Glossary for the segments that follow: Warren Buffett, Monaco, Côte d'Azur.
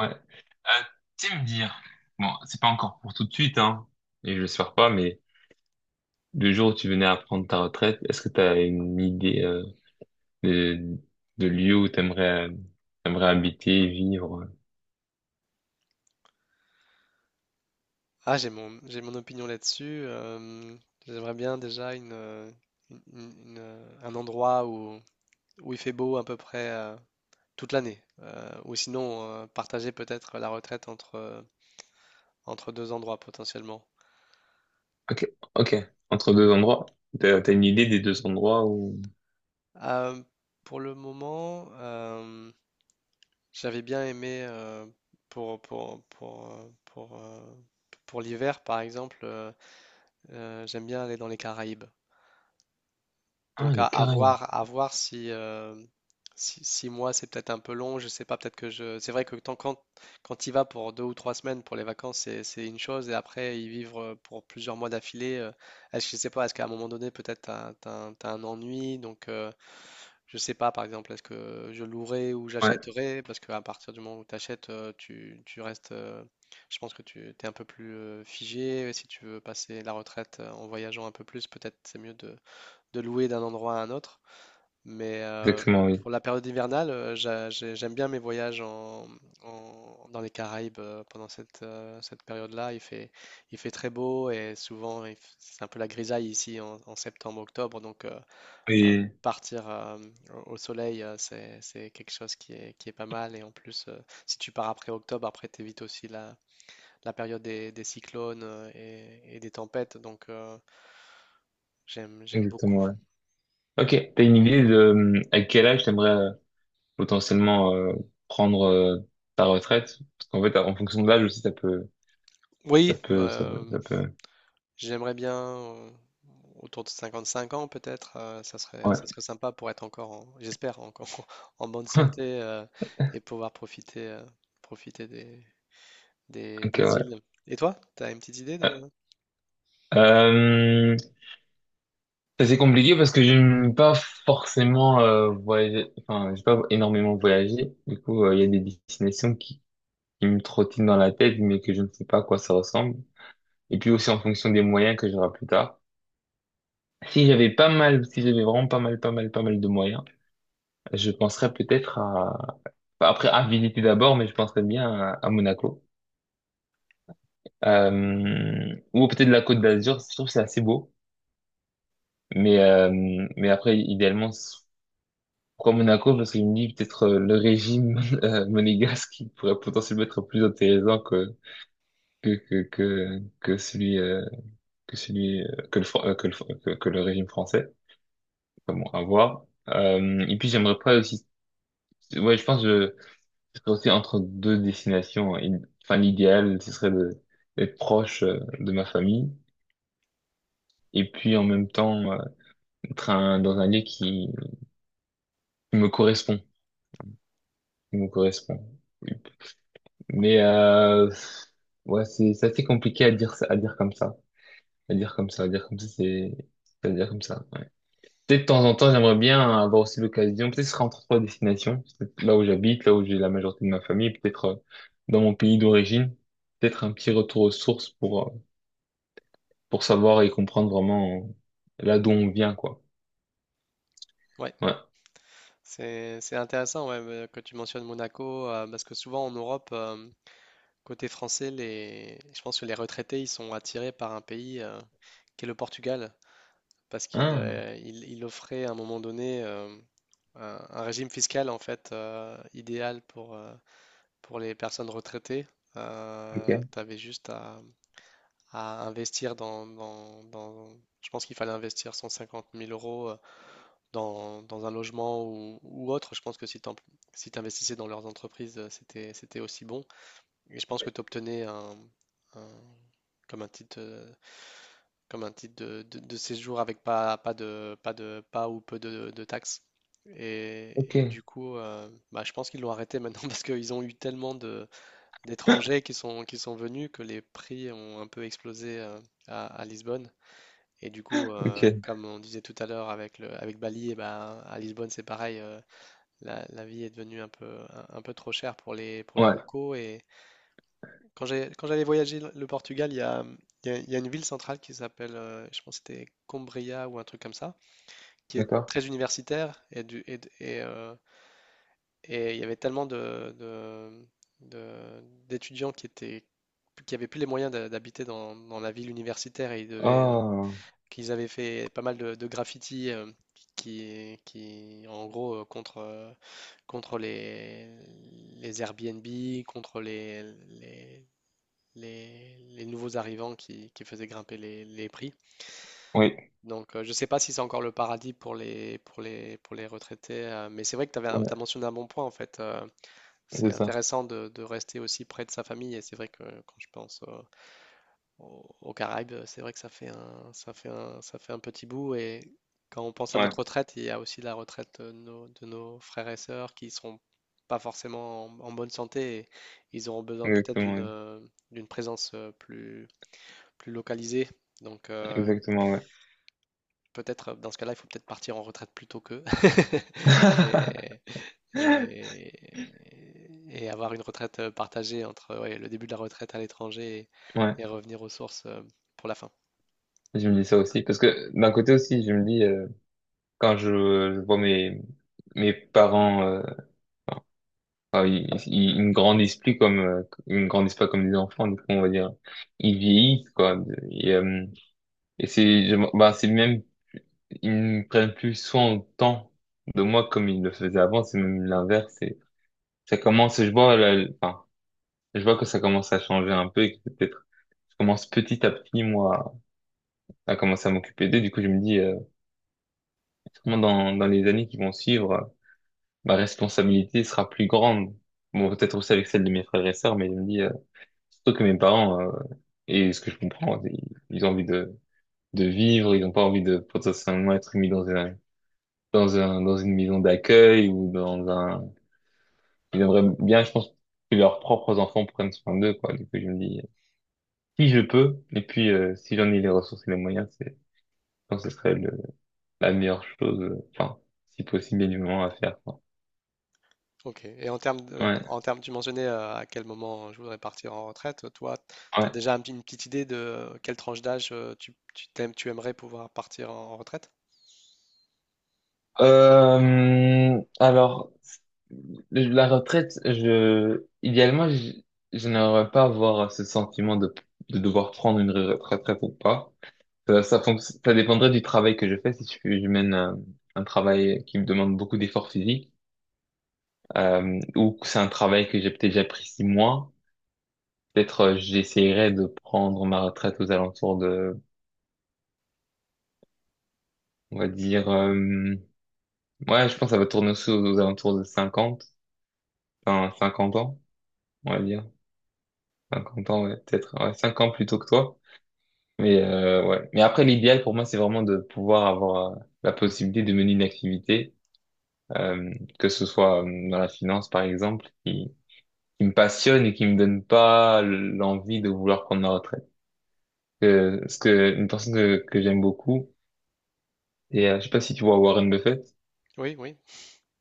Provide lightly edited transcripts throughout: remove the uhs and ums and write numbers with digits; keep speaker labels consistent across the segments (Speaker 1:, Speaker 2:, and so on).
Speaker 1: Ouais. Tu sais me dire, bon, c'est pas encore pour tout de suite, hein, et je l'espère pas, mais le jour où tu venais à prendre ta retraite, est-ce que tu as une idée de, de lieu où t'aimerais t'aimerais habiter, vivre?
Speaker 2: Ah, j'ai mon opinion là-dessus. J'aimerais bien déjà un endroit où, où il fait beau à peu près toute l'année. Ou sinon, partager peut-être la retraite entre deux endroits potentiellement.
Speaker 1: Ok, ok. Entre deux endroits? T'as une idée des deux endroits où...
Speaker 2: Euh, pour le moment, j'avais bien aimé pour, pour, pour, euh, pour, euh, pour l'hiver, par exemple, j'aime bien aller dans les Caraïbes.
Speaker 1: Ah,
Speaker 2: Donc
Speaker 1: les Caraïbes.
Speaker 2: à voir si six mois c'est peut-être un peu long, je sais pas, peut-être que je. C'est vrai que quand quand il va pour deux ou trois semaines pour les vacances, c'est une chose, et après y vivre pour plusieurs mois d'affilée, est-ce que je sais pas, est-ce qu'à un moment donné peut-être t'as un ennui, donc je sais pas par exemple, est-ce que je louerai ou
Speaker 1: Ouais,
Speaker 2: j'achèterai, parce qu'à partir du moment où t'achètes, tu restes, je pense que tu t'es un peu plus figé, si tu veux passer la retraite en voyageant un peu plus, peut-être c'est mieux de louer d'un endroit à un autre. Mais
Speaker 1: exactement, oui.
Speaker 2: pour la période hivernale, j'aime bien mes voyages dans les Caraïbes pendant cette période-là. Il fait très beau et souvent c'est un peu la grisaille ici en septembre-octobre. Donc euh,
Speaker 1: Oui,
Speaker 2: partir au soleil, c'est quelque chose qui est pas mal. Et en plus, si tu pars après octobre, après t'évites aussi la période des cyclones et des tempêtes. Donc j'aime
Speaker 1: exactement,
Speaker 2: beaucoup.
Speaker 1: ouais. Ok, t'as une idée de à quel âge t'aimerais potentiellement prendre ta retraite? Parce qu'en fait, en fonction de l'âge aussi, ça peut... Ça
Speaker 2: Oui,
Speaker 1: peut, ça
Speaker 2: bah,
Speaker 1: peut, ça peut.
Speaker 2: j'aimerais bien autour de 55 ans peut-être, ça
Speaker 1: Ouais.
Speaker 2: serait sympa pour être encore, j'espère, encore en bonne santé et pouvoir profiter, profiter
Speaker 1: Ok,
Speaker 2: des
Speaker 1: ouais.
Speaker 2: îles. Et toi, tu as une petite idée
Speaker 1: Euh,
Speaker 2: de…
Speaker 1: euh, Ça, c'est compliqué parce que je n'aime pas forcément voyager. Enfin, j'ai pas énormément voyagé. Du coup, il y a des destinations qui me trottinent dans la tête, mais que je ne sais pas à quoi ça ressemble. Et puis aussi en fonction des moyens que j'aurai plus tard. Si j'avais pas mal, si j'avais vraiment pas mal, pas mal, pas mal de moyens, je penserais peut-être à, enfin, après à visiter d'abord, mais je penserais bien à Monaco. Ou peut-être la Côte d'Azur. Je trouve que c'est assez beau. Mais, euh, mais après, idéalement, c'est- pourquoi Monaco? Parce qu'il me dit peut-être le régime monégasque qui pourrait potentiellement être plus intéressant que celui, que celui, que le, que le, que le régime français. Enfin bon, à voir. Et puis j'aimerais pas aussi, ouais, je pense que je serais aussi entre deux destinations. Enfin, l'idéal, ce serait de, d'être proche de ma famille. Et puis en même temps, être dans un lieu qui, qui me correspond, qui me correspond. Mais euh, ouais, c'est assez compliqué à dire à dire comme ça, à dire comme ça, à dire comme ça, c'est à dire comme ça. Ouais. Peut-être de temps en temps, j'aimerais bien avoir aussi l'occasion. Peut-être ce sera entre trois destinations, peut-être là où j'habite, là où j'ai la majorité de ma famille, peut-être dans mon pays d'origine. Peut-être un petit retour aux sources pour savoir et comprendre vraiment là d'où on vient, quoi.
Speaker 2: Ouais,
Speaker 1: Ouais.
Speaker 2: c'est intéressant ouais, que tu mentionnes Monaco, parce que souvent en Europe, côté français, les, je pense que les retraités, ils sont attirés par un pays qui est le Portugal. Parce qu'il
Speaker 1: Ah,
Speaker 2: il offrait à un moment donné un régime fiscal en fait idéal pour les personnes retraitées. Tu
Speaker 1: ok,
Speaker 2: avais juste à investir Je pense qu'il fallait investir 150 000 euros dans un logement ou autre. Je pense que si tu si t'investissais dans leurs entreprises, c'était aussi bon. Et je pense que tu obtenais un- comme un titre euh, comme un titre de séjour avec pas ou peu de taxes.
Speaker 1: ok,
Speaker 2: Et du coup, bah, je pense qu'ils l'ont arrêté maintenant parce qu'ils ont eu tellement d'étrangers qui sont venus que les prix ont un peu explosé à Lisbonne. Et du coup,
Speaker 1: ok.
Speaker 2: comme on disait tout à l'heure avec avec Bali, et ben, à Lisbonne, c'est pareil, la vie est devenue un peu, un peu trop chère pour les
Speaker 1: Ouais,
Speaker 2: locaux quand quand j'allais voyager le Portugal, il y a une ville centrale qui s'appelle, je pense que c'était Coimbra ou un truc comme ça, qui est
Speaker 1: d'accord.
Speaker 2: très universitaire et, du, et, de- et il y avait tellement de- d'étudiants qui avaient plus les moyens d'habiter dans la ville universitaire et ils devaient,
Speaker 1: Ah,
Speaker 2: qu'ils avaient fait pas mal de graffitis en gros, contre les Airbnb, contre les les nouveaux arrivants qui faisaient grimper les prix.
Speaker 1: oui,
Speaker 2: Donc, je ne sais pas si c'est encore le paradis pour pour les retraités, mais c'est vrai que tu as
Speaker 1: ouais,
Speaker 2: mentionné un bon point, en fait. C'est
Speaker 1: c'est ça.
Speaker 2: intéressant de rester aussi près de sa famille, et c'est vrai que quand je pense aux Caraïbes, c'est vrai que ça fait un petit bout, et quand on pense à
Speaker 1: Ouais,
Speaker 2: notre retraite, il y a aussi la retraite de de nos frères et sœurs qui seront pas forcément en bonne santé, et ils auront besoin peut-être
Speaker 1: exactement. Ouais.
Speaker 2: d'une présence plus localisé. Donc
Speaker 1: Exactement, ouais.
Speaker 2: peut-être dans ce cas-là, il faut peut-être partir en retraite plus tôt qu'eux et, et, et avoir une retraite partagée entre ouais, le début de la retraite à l'étranger
Speaker 1: Ouais,
Speaker 2: et revenir aux sources pour la fin.
Speaker 1: je me dis ça aussi. Parce que d'un côté aussi, je me dis, quand je vois mes, mes parents, enfin, ils ne grandissent plus comme, ils ne grandissent pas comme des enfants, du coup, on va dire, ils vieillissent, quoi. Et, euh, et c'est, bah, c'est même, ils ne prennent plus soin autant de moi comme ils le faisaient avant, c'est même l'inverse. C'est, ça commence, je vois, enfin, je vois que ça commence à changer un peu et que peut-être, je commence petit à petit, moi, à commencer à m'occuper d'eux. Du coup, je me dis, sûrement dans, dans les années qui vont suivre, ma responsabilité sera plus grande. Bon, peut-être aussi avec celle de mes frères et sœurs, mais je me dis, surtout que mes parents, et ce que je comprends, ils ont envie de vivre, ils n'ont pas envie de potentiellement être mis dans un, dans un, dans une maison d'accueil ou dans un, ils aimeraient bien, je pense, que leurs propres enfants prennent soin d'eux, quoi. Du coup, je me dis, si je peux, et puis, si j'en ai les ressources et les moyens, c'est, je pense que ce serait le, la meilleure chose, enfin, si possible, et moment à faire, quoi.
Speaker 2: Ok. Et en
Speaker 1: Ouais,
Speaker 2: en termes, tu mentionnais à quel moment je voudrais partir en retraite. Toi, tu as
Speaker 1: ouais.
Speaker 2: déjà un une petite idée de quelle tranche d'âge tu aimerais pouvoir partir en retraite?
Speaker 1: Alors, la retraite, je, idéalement, je n'aimerais pas avoir ce sentiment de devoir prendre une retraite ou pas. Ça, ça dépendrait du travail que je fais. Si je, je mène un travail qui me demande beaucoup d'efforts physiques, ou que c'est un travail que j'ai peut-être déjà pris 6 mois, peut-être j'essaierai de prendre ma retraite aux alentours de, on va dire, ouais, je pense que ça va tourner aussi aux, aux alentours de 50, enfin 50 ans, on va dire. 50 ans, ouais, peut-être. Ouais, 5 ans plus tôt que toi. Ouais. Mais après, l'idéal pour moi, c'est vraiment de pouvoir avoir la possibilité de mener une activité, euh, que ce soit dans la finance, par exemple, qui me passionne et qui me donne pas l'envie de vouloir prendre ma retraite. Parce que une personne que j'aime beaucoup, et je sais pas si tu vois Warren Buffett.
Speaker 2: Oui, oui,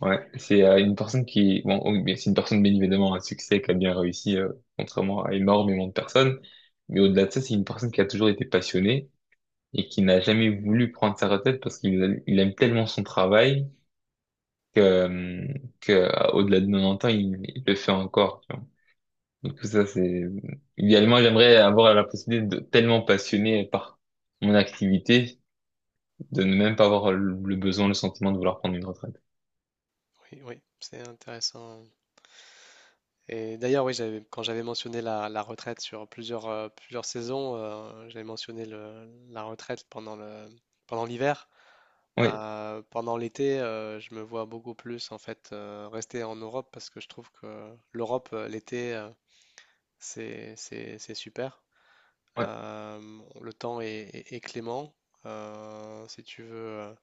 Speaker 1: Ouais, c'est une personne qui, bon, oh, mais c'est une personne bien évidemment à succès qui a bien réussi, contrairement à énormément de personnes. Mais au-delà de ça, c'est une personne qui a toujours été passionnée et qui n'a jamais voulu prendre sa retraite parce qu'il il aime tellement son travail que, au-delà de 90 ans, il le fait encore. Tu vois. Donc ça, c'est idéalement, j'aimerais avoir la possibilité de tellement passionné par mon activité de ne même pas avoir le besoin, le sentiment de vouloir prendre une retraite.
Speaker 2: oui, oui. C'est intéressant. Et d'ailleurs, oui, quand j'avais mentionné la retraite sur plusieurs, plusieurs saisons, j'avais mentionné la retraite pendant pendant l'hiver.
Speaker 1: Oui,
Speaker 2: Pendant l'été, je me vois beaucoup plus en fait rester en Europe parce que je trouve que l'Europe, l'été, c'est super.
Speaker 1: ouais,
Speaker 2: Le temps est clément. Si tu veux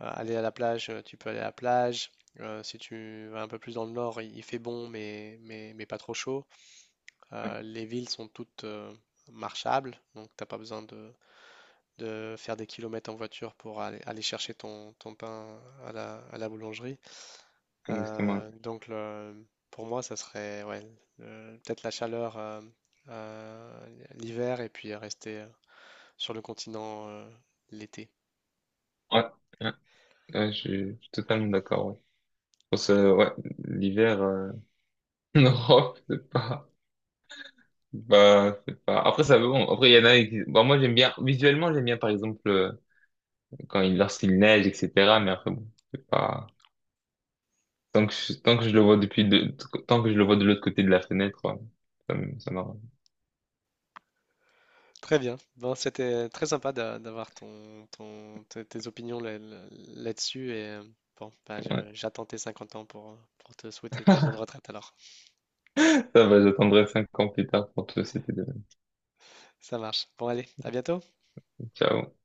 Speaker 2: aller à la plage, tu peux aller à la plage. Si tu vas un peu plus dans le nord, il fait bon, mais pas trop chaud.
Speaker 1: ouais,
Speaker 2: Les villes sont toutes marchables, donc t'as pas besoin de faire des kilomètres en voiture pour aller chercher ton pain à la boulangerie.
Speaker 1: exactement.
Speaker 2: Euh, donc le- pour moi, ça serait ouais, peut-être la chaleur euh, l'hiver et puis rester sur le continent l'été.
Speaker 1: Ouais. Ouais. Ouais, je suis totalement d'accord. Ouais. Ouais, l'hiver en Europe, c'est pas, bah, c'est pas. Après, ça bon. Après, il y en a qui. Bon, moi, j'aime bien. Visuellement, j'aime bien, par exemple, quand il lorsqu'il neige, etc. Mais après, bon, c'est pas. Tant que je le vois depuis de, tant que je le vois de l'autre côté de la fenêtre, ouais, ça m'arrange.
Speaker 2: Très bien. Bon, c'était très sympa d'avoir tes opinions là-dessus et bon, bah,
Speaker 1: Ouais.
Speaker 2: j'attends tes 50 ans pour te souhaiter ta bonne retraite alors.
Speaker 1: Ça va, j'attendrai 5 ans plus tard pour te c'était de.
Speaker 2: Ça marche. Bon, allez, à bientôt.
Speaker 1: Ciao.